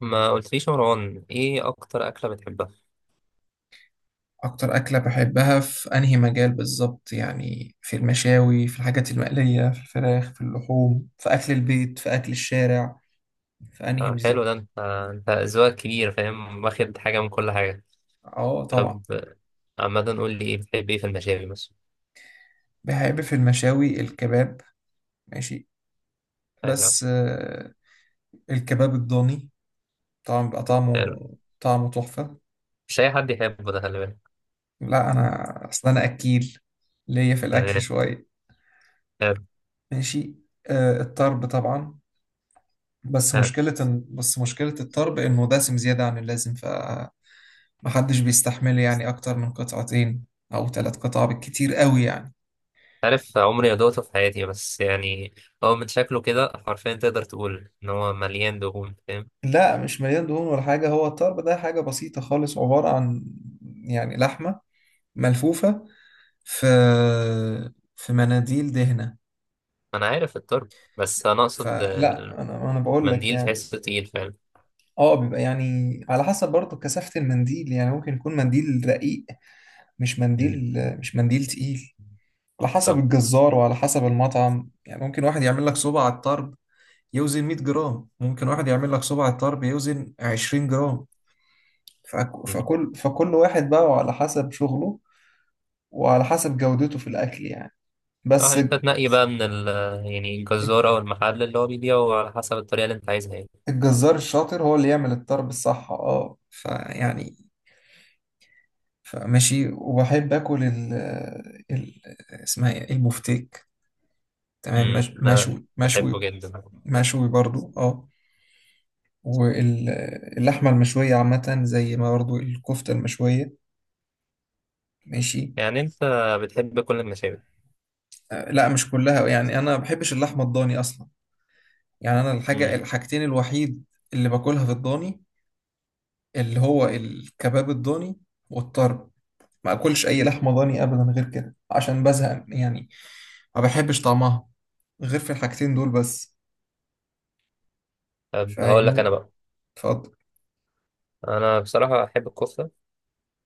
ما قلتليش يا مروان ايه اكتر اكله بتحبها؟ أكتر أكلة بحبها في أنهي مجال بالظبط؟ يعني في المشاوي، في الحاجات المقلية، في الفراخ، في اللحوم، في أكل البيت، في أكل الشارع، في أنهي حلو ده. بالظبط؟ انت ذوقك كبير. فاهم، واخد حاجه من كل حاجه. أه، طبعا. طب. عامه قول لي ايه بتحب ايه في المشاوي مثلا. بحب في المشاوي الكباب. ماشي. ايوه. بس الكباب الضاني طبعا بيبقى حلو. طعمه تحفة. مش اي حد يحبه ده، خلي بالك. لا، أنا أصل أنا أكيل، ليا في الأكل عارف، شوية. عارف، ماشي. الطرب طبعا. بس عارف، مشكلة بس مشكلة الطرب إنه دسم زيادة عن اللازم، ف محدش بيستحمله يعني أكتر من قطعتين أو ثلاث قطع بالكتير قوي يعني. عارف. عمري ما دوقته في حياتي، بس يعني هو من شكله كده حرفيا تقدر تقول ان هو مليان دهون. فاهم. لا، مش مليان دهون ولا حاجة، هو الطرب ده حاجة بسيطة خالص، عبارة عن يعني لحمة ملفوفة في في مناديل دهنة. انا عارف الطرب، بس انا اقصد فلا، أنا بقول لك المنديل يعني، تحسه تقيل فعلا. اه بيبقى يعني على حسب برضه كثافة المنديل. يعني ممكن يكون منديل رقيق، مش مم. منديل مش منديل تقيل. على حسب صح. الجزار وعلى حسب المطعم، يعني ممكن واحد يعمل لك صوبة على الطرب يوزن 100 جرام، ممكن واحد يعمل لك صباع الطرب يوزن 20 جرام. فكل واحد بقى، وعلى حسب شغله وعلى حسب جودته في الأكل يعني. صح، بس انت الج- تنقي بقى من ال... يعني الجزارة او المحل اللي هو بيبيعه على حسب الطريقة اللي انت عايزها يعني. الجزار الشاطر هو اللي يعمل الطرب الصح، اه فيعني، فماشي. وبحب اكل ال ال اسمها ايه؟ البفتيك. تمام، انا مشوي مشوي بحبه جدا. مشوي برضو اه. واللحمة المشوية عامة، زي ما برضو الكفتة المشوية. ماشي. يعني انت بتحب كل المشاوي؟ لا، مش كلها. يعني انا ما بحبش اللحمه الضاني اصلا. يعني انا الحاجه امم. الحاجتين الوحيد اللي باكلها في الضاني، اللي هو الكباب الضاني والطرب. ما اكلش اي لحمه ضاني ابدا غير كده عشان بزهق يعني، ما بحبش طعمها غير في الحاجتين دول بس. طب هقول لك انا فاهمني؟ بقى. اتفضل. انا بصراحة احب الكفتة.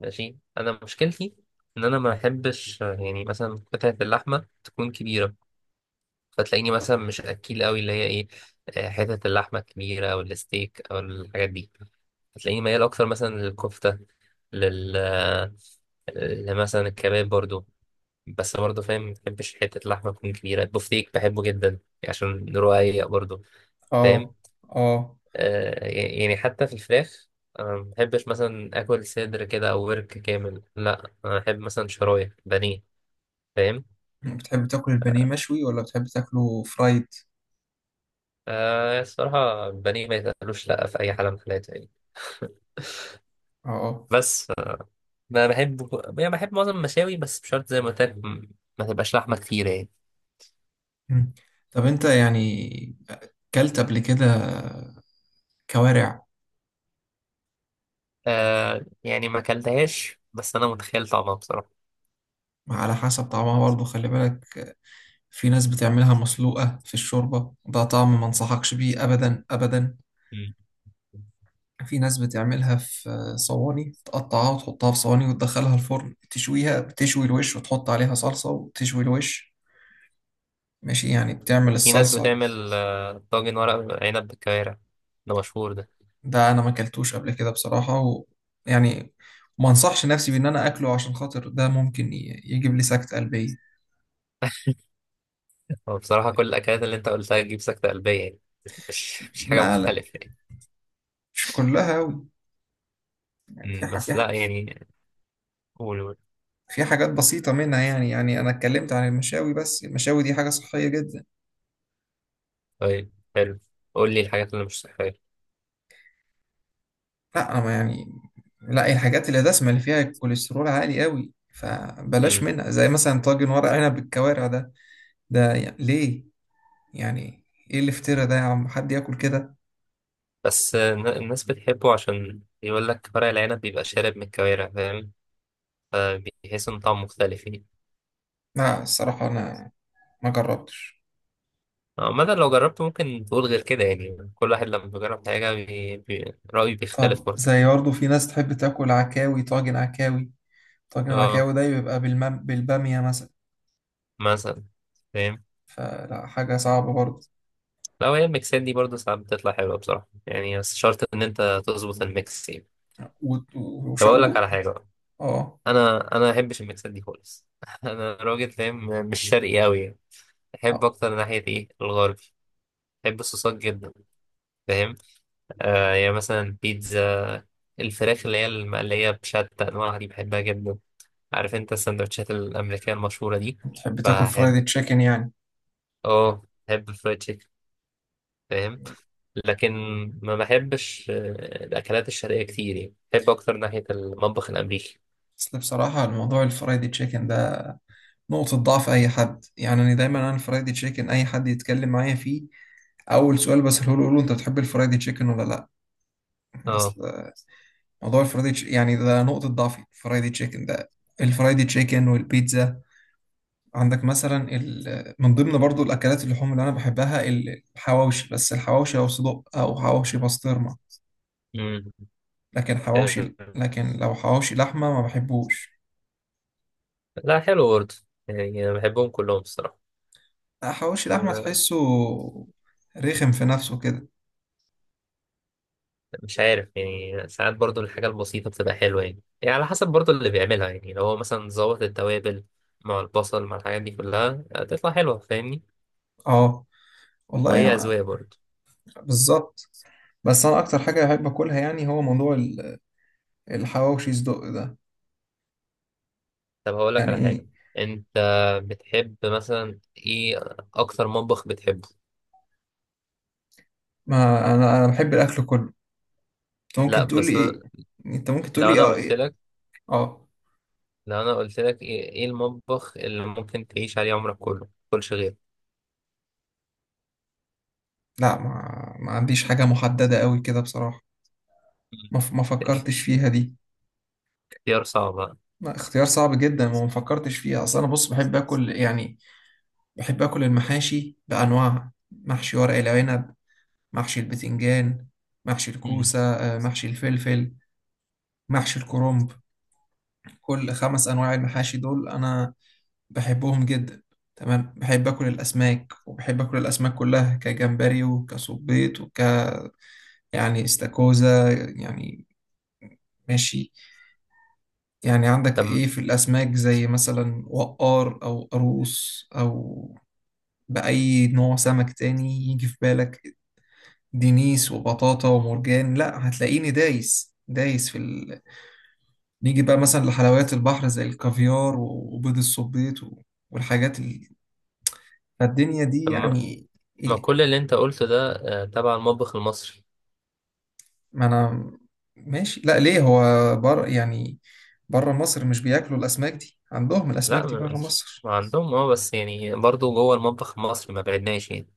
ماشي. انا مشكلتي ان انا ما احبش يعني مثلا قطعة اللحمة تكون كبيرة، فتلاقيني مثلا مش اكيل قوي اللي هي ايه، حتة اللحمة الكبيرة او الستيك او الحاجات دي. هتلاقيني ميال اكتر مثلا للكفتة، لل لمثلا الكباب برضو. بس برضه فاهم، ما بحبش حتة اللحمة تكون كبيرة. البفتيك بحبه جدا عشان رقيق برضه. فاهم. اه، اه، يعني حتى في الفراخ أنا ما بحبش مثلا آكل صدر كده أو ورك كامل. لا، أنا أحب مثلا شرايح بانيه. فاهم. بتحب تاكل البانيه مشوي ولا بتحب تاكله فرايد؟ آه، الصراحة البانيه ما يتقالوش لأ في أي حالة من الحالات يعني. اه، آه. بس ما بحب، يعني بحب معظم المشاوي بس مش شرط زي ما قلت لك. ما تبقاش لحمة كتيرة يعني. مم. طب انت يعني كلت قبل كده كوارع؟ آه يعني ما أكلتهاش، بس أنا متخيل طعمها بصراحة. على حسب طعمها برضو، خلي بالك. في ناس بتعملها مسلوقة في الشوربة، ده طعم ما انصحكش بيه أبدا أبدا. مم. في ناس بتعملها في صواني، تقطعها وتحطها في صواني وتدخلها الفرن تشويها، بتشوي الوش وتحط عليها صلصة وتشوي الوش. ماشي، يعني بتعمل في ناس الصلصة. بتعمل طاجن ورق عنب بالكوارع. ده مشهور ده. ده أنا ما أكلتوش قبل كده بصراحة، و يعني ما انصحش نفسي بإن أنا أكله عشان خاطر ده ممكن يجيب لي سكتة قلبية. هو بصراحة كل الأكلات اللي أنت قلتها تجيب سكتة قلبية يعني. مش حاجة لا، لا، مختلفة يعني. مش كلها أوي. يعني في ح- في بس لا يعني. قول، قول. في حاجات بسيطة منها. يعني أنا اتكلمت عن المشاوي، بس المشاوي دي حاجة صحية جدا. طيب، حلو. قول لي الحاجات اللي مش صحية. لا أنا ما يعني، لا الحاجات اللي دسمة اللي فيها الكوليسترول عالي قوي فبلاش أمم. منها، زي مثلا طاجن ورق عنب بالكوارع ده يعني ليه، يعني إيه الافتراء ده يا عم؟ حد ياكل كده؟ بس الناس بتحبه عشان يقول لك ورق العنب بيبقى شارب من الكوارع. فاهم. فبيحس إن طعمه مختلف يعني. لا الصراحة، أنا ما جربتش. عامة لو جربته ممكن تقول غير كده، يعني كل واحد لما بيجرب حاجة رأيه بيختلف طب برضه. زي برضه في ناس تحب تاكل عكاوي، طاجن عكاوي. طاجن اه. العكاوي ده بيبقى بالبامية مثلا. مثلا. فاهم. فلا، حاجة صعبة برضه. لا، هي الميكسات دي برضه ساعات بتطلع حلوة بصراحة، يعني بس شرط إن أنت تظبط الميكس يعني. و... و... طب وش... أقول لك و... على حاجة بقى. اه، أنا ما بحبش الميكسات دي خالص. أنا راجل فاهم، مش شرقي أوي يعني. أحب آه. أكتر ناحية إيه؟ الغربي. بحب الصوصات جدا. فاهم. يعني مثلا بيتزا، الفراخ اللي هي المقلية بشتى أنواعها دي بحبها جدا. عارف أنت السندوتشات الأمريكية المشهورة دي؟ بتحب تاكل بحب. فرايدي تشيكن يعني؟ بحب الفرايد تشيكن. فاهم. لكن ما بحبش الأكلات الشرقية كتير، يعني بحب أكتر ناحية المطبخ الأمريكي. بس بصراحة الموضوع الفرايدي تشيكن ده نقطة ضعف أي حد. يعني أنا دايما، أنا الفرايدي تشيكن أي حد يتكلم معايا فيه، أول سؤال بسأله له، أقول له أنت بتحب الفرايدي تشيكن ولا لأ؟ اه. أصل موضوع يعني ده نقطة ضعفي، الفرايدي تشيكن ده، الفرايدي تشيكن والبيتزا. عندك مثلا من ضمن برضو الأكلات اللحوم اللي أنا بحبها، الحواوشي. بس الحواوشي أو صدق، أو حواوشي بسطرمة. امم. لكن آه، حواوشي، لكن لو حواوشي لحمة ما بحبوش. لا، حلو برضه. يعني أنا بحبهم كلهم الصراحة. حواوشي اللحمة آه، تحسه رخم في نفسه كده. مش عارف يعني، ساعات برضه الحاجة البسيطة بتبقى حلوة، يعني على حسب برضه اللي بيعملها يعني، لو هو مثلا ظبط التوابل مع البصل مع الحاجات دي كلها تطلع حلوة. فاهمني. اه والله وهي يا، أذواق برضه. بالظبط. بس انا اكتر حاجة بحب اكلها يعني، هو موضوع الحواوشي صدق ده. طب هقول لك يعني على ايه؟ حاجة. أنت بتحب مثلا إيه؟ أكتر مطبخ بتحبه؟ ما انا بحب الاكل كله. انت ممكن لا، تقول لي بس ايه، أنا، انت ممكن تقول لو لي أنا اه قلت ايه. لك اه. لو انا قلت لك ايه، المطبخ اللي ممكن تعيش عليه عمرك كله كلش غير؟ لا ما عنديش حاجة محددة قوي كده بصراحة. مم. ما فكرتش فيها دي. اختيار صعب. ما اختيار صعب جدا، وما فكرتش فيها، اصل انا بص بحب اكل يعني. بحب اكل المحاشي بانواعها: محشي ورق العنب، محشي البتنجان، محشي مم. الكوسة، محشي الفلفل، محشي الكرنب. كل خمس أنواع المحاشي دول أنا بحبهم جدا. تمام، بحب أكل الأسماك، وبحب أكل الأسماك كلها، كجمبري وكسبيط يعني استاكوزا، يعني. ماشي. يعني عندك طب، إيه في الأسماك، زي مثلا وقار أو قاروص أو بأي نوع سمك تاني يجي في بالك، دينيس وبطاطا ومرجان. لا، هتلاقيني دايس دايس في، نيجي بقى مثلا لحلويات البحر زي الكافيار وبيض الصبيط والحاجات فالدنيا دي طب، ما يعني. ما إيه كل اللي انت قلته ده تبع المطبخ المصري. ما أنا، ماشي. لا ليه، هو بر يعني بره مصر مش بياكلوا الأسماك دي؟ عندهم الأسماك لا دي ما بره مصر. ما عندهم. اه بس يعني برضو جوه المطبخ المصري ما بعدناش يعني.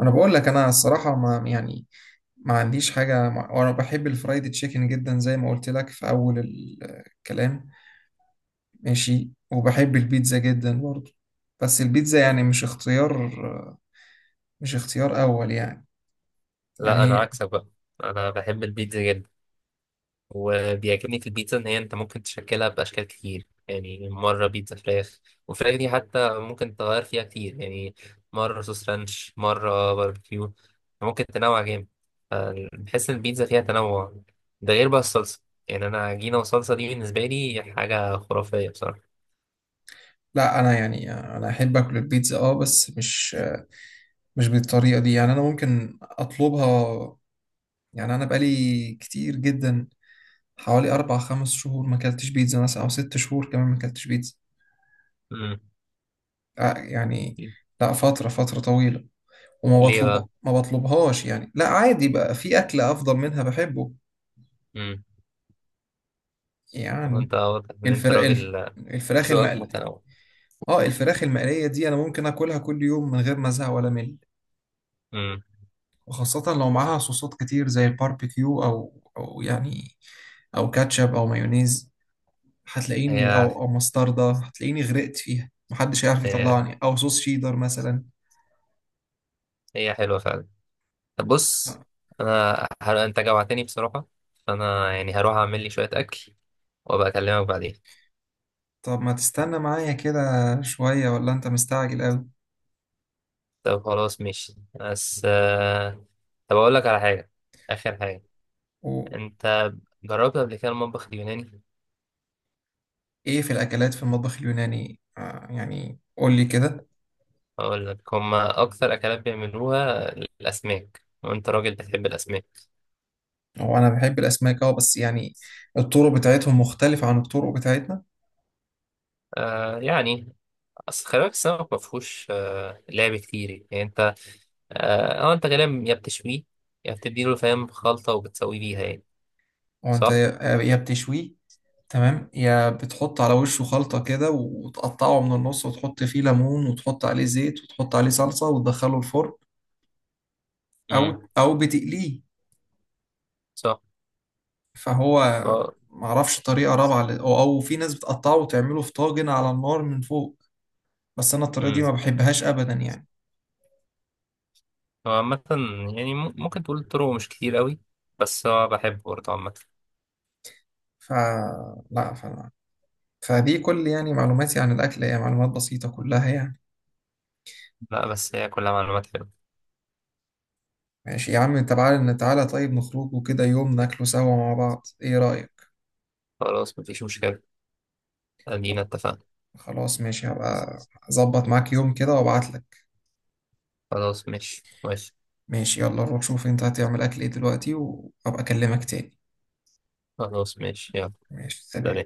أنا بقول لك أنا الصراحة ما يعني، ما عنديش حاجة وأنا بحب الفرايد تشيكن جدا زي ما قلت لك في أول الكلام. ماشي، وبحب البيتزا جدا برضه. بس البيتزا يعني مش اختيار أول يعني. يعني لا انا هي، عكسك بقى. انا بحب البيتزا جدا، وبيعجبني في البيتزا ان هي انت ممكن تشكلها باشكال كتير، يعني مره بيتزا فراخ، والفراخ دي حتى ممكن تغير فيها كتير يعني. مره صوص رانش، مره باربيكيو. ممكن تنوع جامد. ف- بحس ان البيتزا فيها تنوع. ده غير بقى الصلصه. يعني انا عجينه وصلصه دي بالنسبه لي حاجه خرافيه بصراحه. لا انا يعني انا احب اكل البيتزا اه، بس مش بالطريقه دي. يعني انا ممكن اطلبها. يعني انا بقالي كتير جدا، حوالي اربع خمس شهور ما اكلتش بيتزا مثلا، او ست شهور كمان ما اكلتش بيتزا. امم. يعني لا، فتره طويله. وما ليه بطلبها، بقى؟ ما بطلبهاش يعني. لا عادي بقى، في اكل افضل منها بحبه. امم. هو يعني انت واضح ان انت الفراخ راجل الفراخ ذوقك المقليه. متنوع. اه، الفراخ المقليه دي انا ممكن اكلها كل يوم من غير ما ازهق ولا مل. امم. وخاصة لو معاها صوصات كتير، زي الباربيكيو أو يعني، أو كاتشب أو مايونيز. هتلاقيني هي أو مستردة. هتلاقيني غرقت فيها محدش هيعرف هي يطلعني، أو صوص شيدر مثلا. هي حلوه فعلا. بص، انت جوعتني بصراحة. فانا يعني هروح اعمل لي شوية اكل وابقى اكلمك بعدين. طب ما تستنى معايا كده شوية، ولا أنت مستعجل أوي؟ طب خلاص، ماشي. بس. طب اقول لك على حاجة، اخر حاجة. وإيه؟ انت جربت قبل كده المطبخ اليوناني؟ في الأكلات في المطبخ اليوناني، يعني قول لي كده. اقول لك هما اكتر اكلات بيعملوها الاسماك وانت راجل بتحب الاسماك هو أنا بحب الأسماك أه، بس يعني الطرق بتاعتهم مختلفة عن الطرق بتاعتنا. يعني اصل خلي بالك السمك ما فيهوش لعب كتير يعني. انت، انت غالبا يا بتشويه يا بتديله فاهم خلطة وبتسويه بيها يعني. هو أنت صح؟ يا بتشويه. تمام، يا بتحط على وشه خلطة كده وتقطعه من النص، وتحط فيه ليمون وتحط عليه زيت وتحط عليه صلصة وتدخله الفرن، أو امم. أو بتقليه. فهو صح. معرفش طريقة رابعة، ل- أو أو في ناس بتقطعه وتعمله في طاجن على النار من فوق. بس أنا الطريقة دي امم. ما بحبهاش أبدا يعني. هو عامة يعني ممكن تقول طرقه مش كتير قوي، بس هو بحبه برضه عامة. فلا فدي كل يعني معلوماتي عن الأكل هي معلومات بسيطة كلها يعني. لا، بس هي كلها معلومات حلوة. ماشي يا عم، تعالى تعالى، طيب نخرج وكده يوم ناكله سوا مع بعض، إيه رأيك؟ خلاص، مفيش مشكلة. ادينا اتفقنا. خلاص ماشي، هبقى اظبط معاك يوم كده وابعت لك. خلاص، ماشي، ماشي. ماشي، يلا روح شوف انت هتعمل اكل ايه دلوقتي، وابقى اكلمك تاني. خلاص، ماشي، يلا. ماشي، سلام. سلام.